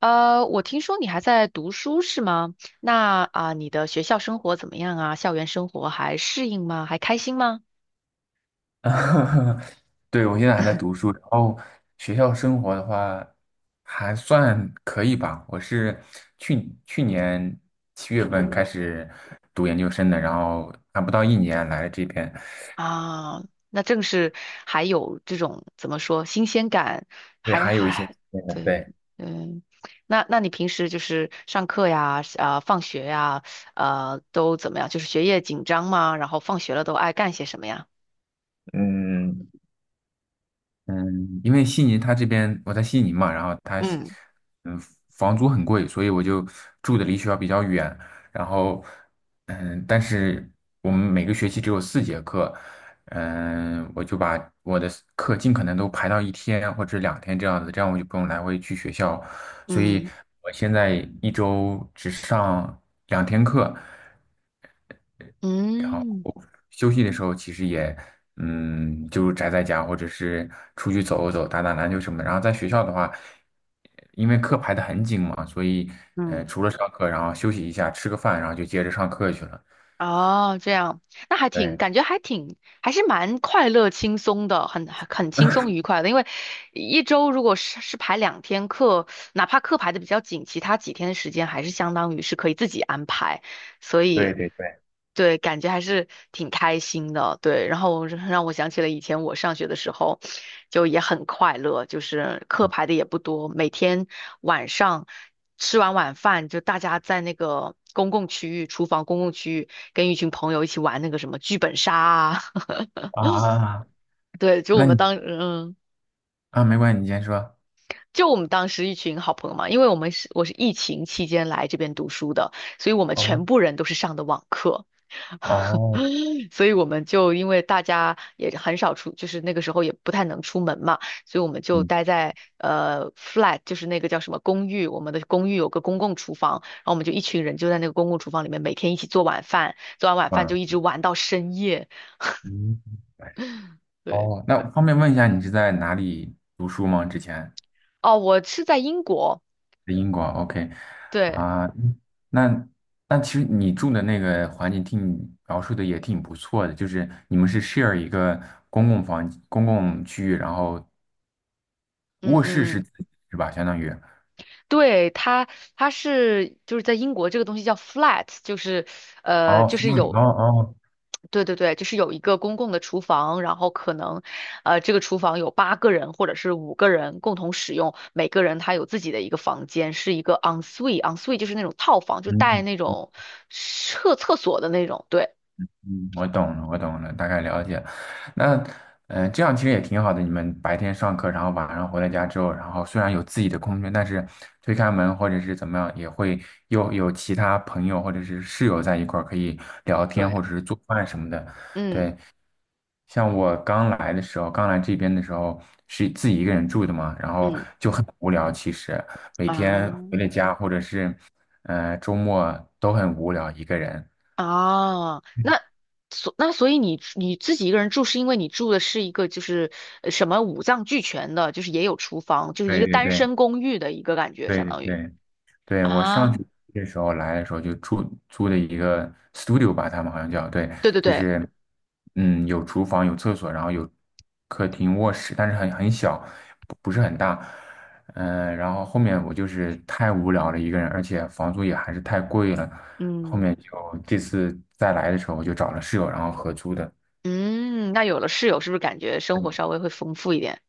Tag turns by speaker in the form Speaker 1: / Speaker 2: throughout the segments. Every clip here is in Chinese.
Speaker 1: 我听说你还在读书是吗？那啊，你的学校生活怎么样啊？校园生活还适应吗？还开心吗？
Speaker 2: 对，我现在还在读书，然后学校生活的话还算可以吧。我是去年七月份开始读研究生的，然后还不到一年来这边，
Speaker 1: 啊，那正是还有这种怎么说新鲜感，
Speaker 2: 对，
Speaker 1: 还
Speaker 2: 还有一些
Speaker 1: 还
Speaker 2: 经验的
Speaker 1: 对，
Speaker 2: 对，
Speaker 1: 嗯，那你平时就是上课呀，啊，放学呀，都怎么样？就是学业紧张吗？然后放学了都爱干些什么呀？
Speaker 2: 嗯，嗯，因为悉尼它这边我在悉尼嘛，然后它悉
Speaker 1: 嗯
Speaker 2: 嗯，房租很贵，所以我就住的离学校比较远。然后，但是我们每个学期只有四节课，我就把我的课尽可能都排到一天或者两天这样子，这样我就不用来回去学校。所以
Speaker 1: 嗯
Speaker 2: 我现在一周只上两天课，然后
Speaker 1: 嗯
Speaker 2: 休息的时候其实也，就宅在家或者是出去走走、打打篮球什么的。然后在学校的话，因为课排得很紧嘛，所以
Speaker 1: 嗯。
Speaker 2: 除了上课，然后休息一下，吃个饭，然后就接着上课去了。
Speaker 1: 哦，这样，那还挺，
Speaker 2: 对
Speaker 1: 感觉还挺，还是蛮快乐、轻松的，很轻松愉快的。因为一周如果是排两天课，哪怕课排的比较紧，其他几天的时间还是相当于是可以自己安排。所
Speaker 2: 对
Speaker 1: 以
Speaker 2: 对对，
Speaker 1: 对，感觉还是挺开心的。对，然后让我想起了以前我上学的时候，就也很快乐，就是课排的也不多，每天晚上吃完晚饭，就大家在那个公共区域、厨房公共区域，跟一群朋友一起玩那个什么剧本杀啊。
Speaker 2: 啊，
Speaker 1: 对，就我
Speaker 2: 那
Speaker 1: 们
Speaker 2: 你
Speaker 1: 当嗯。
Speaker 2: 啊，没关系，你先说。
Speaker 1: 就我们当时一群好朋友嘛，因为我们是我是疫情期间来这边读书的，所以我们
Speaker 2: 哦，
Speaker 1: 全部人都是上的网课。
Speaker 2: 哦，
Speaker 1: 所以我们就因为大家也很少出，就是那个时候也不太能出门嘛，所以我们就
Speaker 2: 嗯
Speaker 1: 待在flat，就是那个叫什么公寓，我们的公寓有个公共厨房，然后我们就一群人就在那个公共厨房里面每天一起做晚饭，做完晚饭
Speaker 2: 啊，
Speaker 1: 就一直玩到深夜。
Speaker 2: 嗯，
Speaker 1: 对，
Speaker 2: 哦，那方便问一下，你是在哪里读书吗？之前？
Speaker 1: 哦，我是在英国，
Speaker 2: 在英国，OK，
Speaker 1: 对，
Speaker 2: 啊，那那其实你住的那个环境听你描述的也挺不错的，就是你们是 share 一个公共房公共区域，然后
Speaker 1: 嗯
Speaker 2: 卧室是
Speaker 1: 嗯。
Speaker 2: 自己是吧？相当于
Speaker 1: 对，它，它是就是在英国这个东西叫 flat，就是
Speaker 2: 哦 f
Speaker 1: 就是
Speaker 2: r 哦
Speaker 1: 有，
Speaker 2: 哦，
Speaker 1: 对对对，就是有一个公共的厨房，然后可能这个厨房有8个人或者是5个人共同使用，每个人他有自己的一个房间，是一个 en suite 就是那种套房，就带
Speaker 2: 嗯
Speaker 1: 那种厕所的那种，对
Speaker 2: 嗯，我懂了，我懂了，大概了解。那，嗯、这样其实也挺好的。你们白天上课，然后晚上回到家之后，然后虽然有自己的空间，但是推开门或者是怎么样，也会又有其他朋友或者是室友在一块儿可以聊天
Speaker 1: 对，
Speaker 2: 或者是做饭什么的。
Speaker 1: 嗯
Speaker 2: 对，像我刚来的时候，刚来这边的时候是自己一个人住的嘛，然后
Speaker 1: 嗯
Speaker 2: 就很无聊。其实每天
Speaker 1: 啊，
Speaker 2: 回了家或者是，周末都很无聊，一个人。
Speaker 1: 啊，那所以你你自己一个人住，是因为你住的是一个就是呃什么五脏俱全的，就是也有厨房，就是一
Speaker 2: 对
Speaker 1: 个
Speaker 2: 对
Speaker 1: 单
Speaker 2: 对
Speaker 1: 身公寓的一个感觉，
Speaker 2: 对
Speaker 1: 相
Speaker 2: 对
Speaker 1: 当于
Speaker 2: 对。对，我上
Speaker 1: 啊，
Speaker 2: 学的时候来的时候就住租的一个 studio 吧，他们好像叫，对，
Speaker 1: 对对
Speaker 2: 就
Speaker 1: 对，
Speaker 2: 是嗯有厨房有厕所，然后有客厅卧室，但是很小，不是很大，嗯、然后后面我就是太无聊了一个人，而且房租也还是太贵了，后
Speaker 1: 嗯
Speaker 2: 面就这次再来的时候我就找了室友，然后合租的。
Speaker 1: 嗯，那有了室友，是不是感觉生
Speaker 2: 嗯
Speaker 1: 活稍微会丰富一点？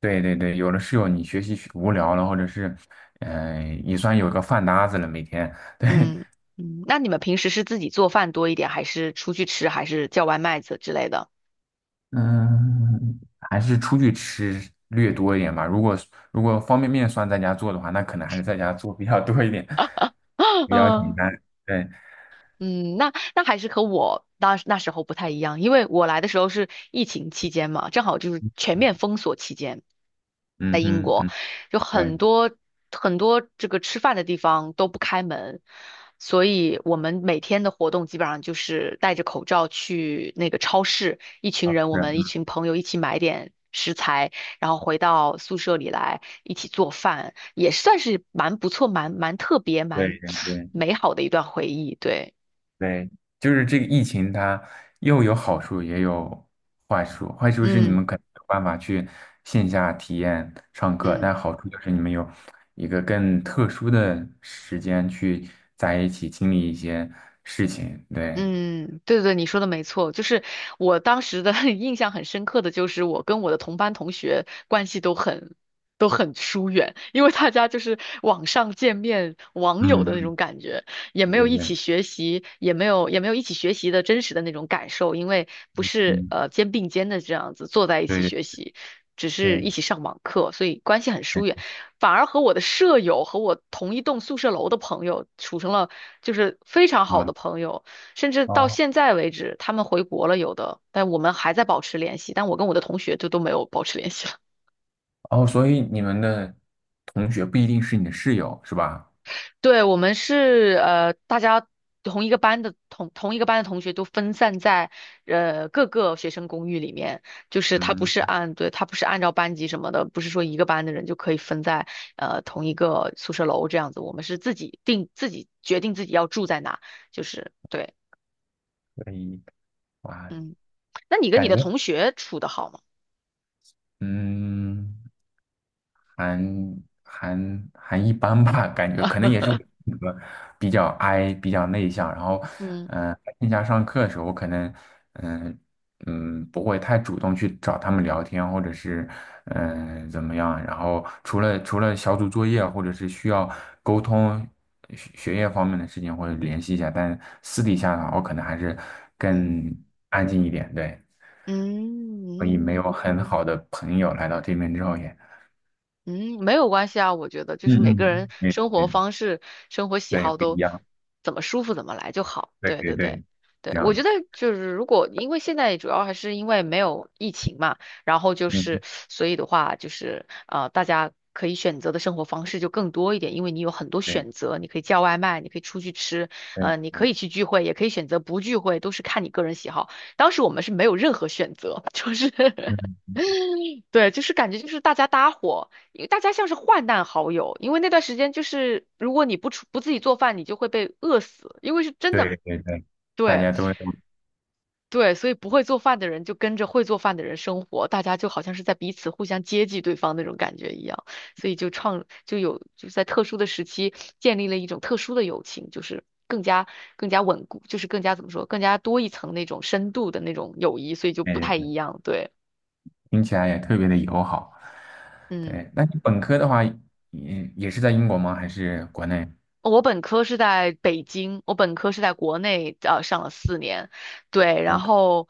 Speaker 2: 对对对，有了室友，你学习学无聊了，或者是，嗯、也算有个饭搭子了，每天，对，
Speaker 1: 嗯嗯，那你们平时是自己做饭多一点，还是出去吃，还是叫外卖子之类的？
Speaker 2: 嗯，还是出去吃略多一点吧。如果如果方便面算在家做的话，那可能还是在家做比较多一点，比较简
Speaker 1: 嗯
Speaker 2: 单。对，
Speaker 1: 嗯，那还是和我那时候不太一样，因为我来的时候是疫情期间嘛，正好就是全面封锁期间，在
Speaker 2: 嗯
Speaker 1: 英
Speaker 2: 哼，
Speaker 1: 国
Speaker 2: 嗯，
Speaker 1: 有
Speaker 2: 对，
Speaker 1: 很多这个吃饭的地方都不开门，所以我们每天的活动基本上就是戴着口罩去那个超市，一群人我
Speaker 2: 是啊，
Speaker 1: 们一群朋友一起买点食材，然后回到宿舍里来一起做饭，也算是蛮不错、蛮特别、
Speaker 2: 对
Speaker 1: 蛮
Speaker 2: 对 对
Speaker 1: 美好的一段回忆，对。
Speaker 2: 对，就是这个疫情它又有好处也有坏处。坏处是你
Speaker 1: 嗯
Speaker 2: 们可能没有办法去线下体验上课，
Speaker 1: 嗯，
Speaker 2: 但好处就是你们有一个更特殊的时间去在一起经历一些事情。对，
Speaker 1: 嗯，对对对，你说的没错，就是我当时的 印象很深刻的就是我跟我的同班同学关系都很疏远，因为大家就是网上见面网友
Speaker 2: 嗯
Speaker 1: 的那
Speaker 2: 嗯，
Speaker 1: 种感觉，也
Speaker 2: 对
Speaker 1: 没
Speaker 2: 对
Speaker 1: 有一起
Speaker 2: 对。
Speaker 1: 学习，也没有一起学习的真实的那种感受，因为不是
Speaker 2: 嗯，
Speaker 1: 肩并肩的这样子坐在一起
Speaker 2: 对
Speaker 1: 学习，只是
Speaker 2: 对，
Speaker 1: 一起上网课，所以关系很
Speaker 2: 对，
Speaker 1: 疏远。
Speaker 2: 哎
Speaker 1: 反而和我的舍友和我同一栋宿舍楼的朋友处成了就是非常
Speaker 2: 好
Speaker 1: 好的
Speaker 2: 的，
Speaker 1: 朋友。甚至到
Speaker 2: 哦
Speaker 1: 现在为止，他们回国了有的，但我们还在保持联系。但我跟我的同学就都没有保持联系了。
Speaker 2: 哦，所以你们的同学不一定是你的室友，是吧？
Speaker 1: 对，我们是大家同一个班的同学都分散在各个学生公寓里面，就是他不
Speaker 2: 嗯，
Speaker 1: 是按对他不是按照班级什么的，不是说一个班的人就可以分在同一个宿舍楼这样子。我们是自己决定自己要住在哪，就是对，
Speaker 2: 所以哇，
Speaker 1: 嗯。那你跟你
Speaker 2: 感
Speaker 1: 的
Speaker 2: 觉
Speaker 1: 同学处的好吗？
Speaker 2: 嗯。还还还一般吧，感觉可能也是我 性格比较 I 比较内向，然后，
Speaker 1: 嗯
Speaker 2: 线下上课的时候，我可能，嗯、嗯，不会太主动去找他们聊天，或者是，嗯、怎么样？然后除了小组作业，或者是需要沟通学学业方面的事情，或者联系一下，但私底下的话，我可能还是更
Speaker 1: 嗯。
Speaker 2: 安静一点，对，
Speaker 1: 嗯
Speaker 2: 所以没
Speaker 1: 嗯
Speaker 2: 有很好的朋友来到这边之后也，
Speaker 1: 嗯，没有关系啊，我觉得就是
Speaker 2: 嗯
Speaker 1: 每个人
Speaker 2: 嗯。对
Speaker 1: 生活
Speaker 2: 对。
Speaker 1: 方式、生活喜
Speaker 2: 对，
Speaker 1: 好
Speaker 2: 不一
Speaker 1: 都
Speaker 2: 样，
Speaker 1: 怎么舒服怎么来就好。
Speaker 2: 对
Speaker 1: 对
Speaker 2: 对
Speaker 1: 对对
Speaker 2: 对，
Speaker 1: 对，
Speaker 2: 一
Speaker 1: 我觉
Speaker 2: 样，
Speaker 1: 得就是如果因为现在主要还是因为没有疫情嘛，然后就是
Speaker 2: 嗯，
Speaker 1: 所以的话就是大家可以选择的生活方式就更多一点，因为你有很多选
Speaker 2: 对
Speaker 1: 择，你可以叫外卖，你可以出去吃，你
Speaker 2: 对
Speaker 1: 可以去聚会，也可以选择不聚会，都是看你个人喜好。当时我们是没有任何选择，就是
Speaker 2: 嗯
Speaker 1: 对，就是感觉就是大家搭伙，因为大家像是患难好友，因为那段时间就是如果你不出不自己做饭，你就会被饿死，因为是真的，
Speaker 2: 对对对，大
Speaker 1: 对
Speaker 2: 家都会，
Speaker 1: 对，所以不会做饭的人就跟着会做饭的人生活，大家就好像是在彼此互相接济对方那种感觉一样，所以就是在特殊的时期建立了一种特殊的友情，就是更加稳固，就是更加怎么说，更加多一层那种深度的那种友谊，所以就不
Speaker 2: 哎，
Speaker 1: 太一样，对，
Speaker 2: 听起来也特别的友好。
Speaker 1: 嗯。
Speaker 2: 对，那你本科的话，也也是在英国吗？还是国内？
Speaker 1: 我本科是在北京，我本科是在国内上了4年，对，然
Speaker 2: 我
Speaker 1: 后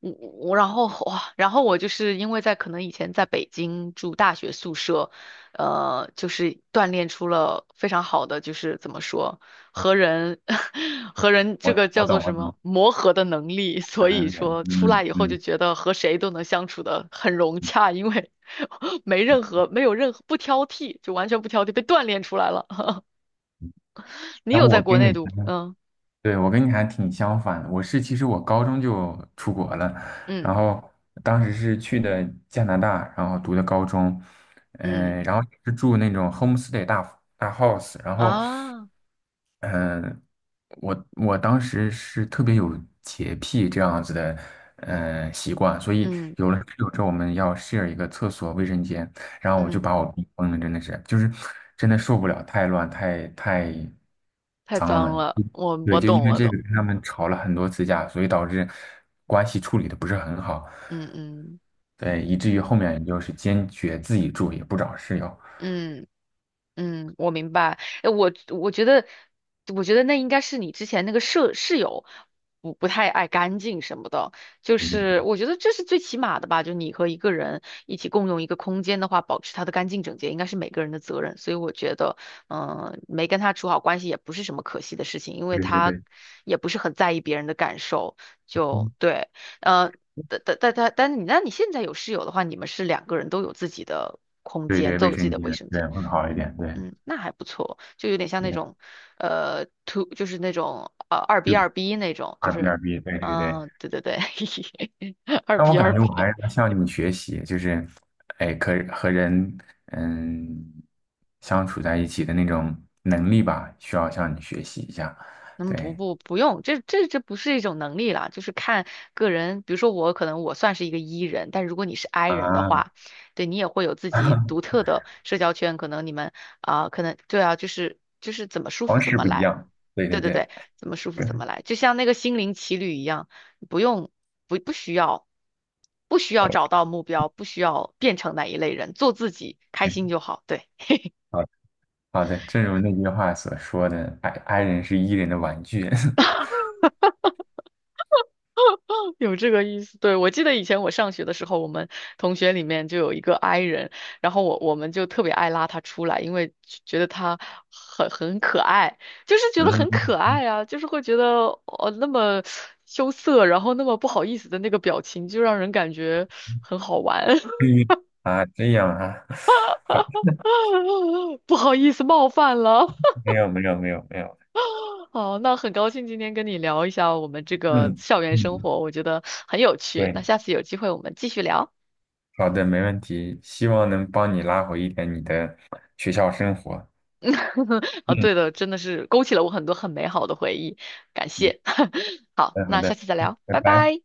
Speaker 1: 我然后哇，然后我就是因为在可能以前在北京住大学宿舍，就是锻炼出了非常好的就是怎么说和人 和人
Speaker 2: 我
Speaker 1: 这个
Speaker 2: 我
Speaker 1: 叫做
Speaker 2: 懂我
Speaker 1: 什么
Speaker 2: 懂，
Speaker 1: 磨合的能力，
Speaker 2: 可
Speaker 1: 所以
Speaker 2: 能也，
Speaker 1: 说出
Speaker 2: 嗯
Speaker 1: 来以后就
Speaker 2: 嗯。
Speaker 1: 觉得和谁都能相处的很融洽，因为 没有任何不挑剔，就完全不挑剔，被锻炼出来了。你
Speaker 2: 那
Speaker 1: 有在
Speaker 2: 我
Speaker 1: 国
Speaker 2: 跟你
Speaker 1: 内读？嗯
Speaker 2: 对，我跟你还挺相反的，我是其实我高中就出国了，然
Speaker 1: 嗯
Speaker 2: 后当时是去的加拿大，然后读的高中，
Speaker 1: 嗯
Speaker 2: 嗯、然后是住那种 homestay 大大 house，然后
Speaker 1: 啊，
Speaker 2: 呃，我我当时是特别有洁癖这样子的，习惯，所以
Speaker 1: 嗯
Speaker 2: 有了室友之后，我们要 share 一个厕所卫生间，然后我就
Speaker 1: 嗯，
Speaker 2: 把我逼疯了，真的是，就是真的受不了，太乱，太
Speaker 1: 太
Speaker 2: 脏
Speaker 1: 脏
Speaker 2: 了。
Speaker 1: 了，我
Speaker 2: 对，
Speaker 1: 我
Speaker 2: 就
Speaker 1: 懂
Speaker 2: 因为
Speaker 1: 我
Speaker 2: 这
Speaker 1: 懂，
Speaker 2: 个跟他们吵了很多次架，所以导致关系处理的不是很好，
Speaker 1: 嗯嗯
Speaker 2: 对，以至于后面就是坚决自己住，也不找室友。
Speaker 1: 嗯。嗯，我明白。我觉得，我觉得那应该是你之前那个室友不太爱干净什么的，就
Speaker 2: 对对
Speaker 1: 是我觉得这是最起码的吧。就你和一个人一起共用一个空间的话，保持它的干净整洁，应该是每个人的责任。所以我觉得，嗯、没跟他处好关系也不是什么可惜的事情，因为
Speaker 2: 对对
Speaker 1: 他
Speaker 2: 对，
Speaker 1: 也不是很在意别人的感受。就
Speaker 2: 嗯
Speaker 1: 对，呃，但你那你现在有室友的话，你们是两个人都有自己的空
Speaker 2: 对
Speaker 1: 间，
Speaker 2: 对，
Speaker 1: 都
Speaker 2: 卫
Speaker 1: 有自己
Speaker 2: 生
Speaker 1: 的
Speaker 2: 间
Speaker 1: 卫生间。
Speaker 2: 对会好一
Speaker 1: 嗯。
Speaker 2: 点，对。
Speaker 1: 嗯，那还不错，就有点像那种，就是那种二
Speaker 2: 就
Speaker 1: B 那种，就
Speaker 2: 二 b
Speaker 1: 是，
Speaker 2: 二 b 对对对。
Speaker 1: 嗯、对对对，二
Speaker 2: 但我
Speaker 1: B
Speaker 2: 感
Speaker 1: 二
Speaker 2: 觉我还
Speaker 1: B，
Speaker 2: 是要向你们学习，就是，哎，可和人嗯相处在一起的那种能力吧，需要向你学习一下。
Speaker 1: 嗯，不
Speaker 2: 对
Speaker 1: 不不用，这这不是一种能力啦，就是看个人。比如说我可能我算是一个 E 人，但如果你是 I 人的
Speaker 2: 啊，
Speaker 1: 话，对你也会有自己独 特的社交圈。可能你们啊、可能对啊，就是怎么舒服
Speaker 2: 方
Speaker 1: 怎
Speaker 2: 式
Speaker 1: 么
Speaker 2: 不一
Speaker 1: 来。
Speaker 2: 样。对
Speaker 1: 对
Speaker 2: 对
Speaker 1: 对
Speaker 2: 对，
Speaker 1: 对，怎么舒服
Speaker 2: 对
Speaker 1: 怎么来，就像那个心灵奇旅一样，不用不需要找到目标，不需要变成哪一类人，做自己开心
Speaker 2: OK，
Speaker 1: 就好。对。
Speaker 2: 好的好的，正如那句话所说的，i 人是 e 人的玩具。
Speaker 1: 有这个意思，对，我记得以前我上学的时候，我们同学里面就有一个 i 人，然后我们就特别爱拉他出来，因为觉得他很可爱，就是 觉得
Speaker 2: 嗯，
Speaker 1: 很可
Speaker 2: 嗯
Speaker 1: 爱啊，就是会觉得哦那么羞涩，然后那么不好意思的那个表情，就让人感觉很好玩，
Speaker 2: 啊，这样啊，好，
Speaker 1: 不好意思冒犯了。
Speaker 2: 没有没有没有没有，
Speaker 1: 好，那很高兴今天跟你聊一下我们这个
Speaker 2: 嗯
Speaker 1: 校园生
Speaker 2: 嗯，
Speaker 1: 活，我觉得很有趣。那
Speaker 2: 对。
Speaker 1: 下次有机会我们继续聊。
Speaker 2: 好的，没问题，希望能帮你拉回一点你的学校生活。
Speaker 1: 啊，
Speaker 2: 嗯，
Speaker 1: 对的，真的是勾起了我很多很美好的回忆，感
Speaker 2: 嗯，
Speaker 1: 谢。好，
Speaker 2: 好的，好
Speaker 1: 那下
Speaker 2: 的，
Speaker 1: 次再聊，
Speaker 2: 拜
Speaker 1: 拜
Speaker 2: 拜。
Speaker 1: 拜。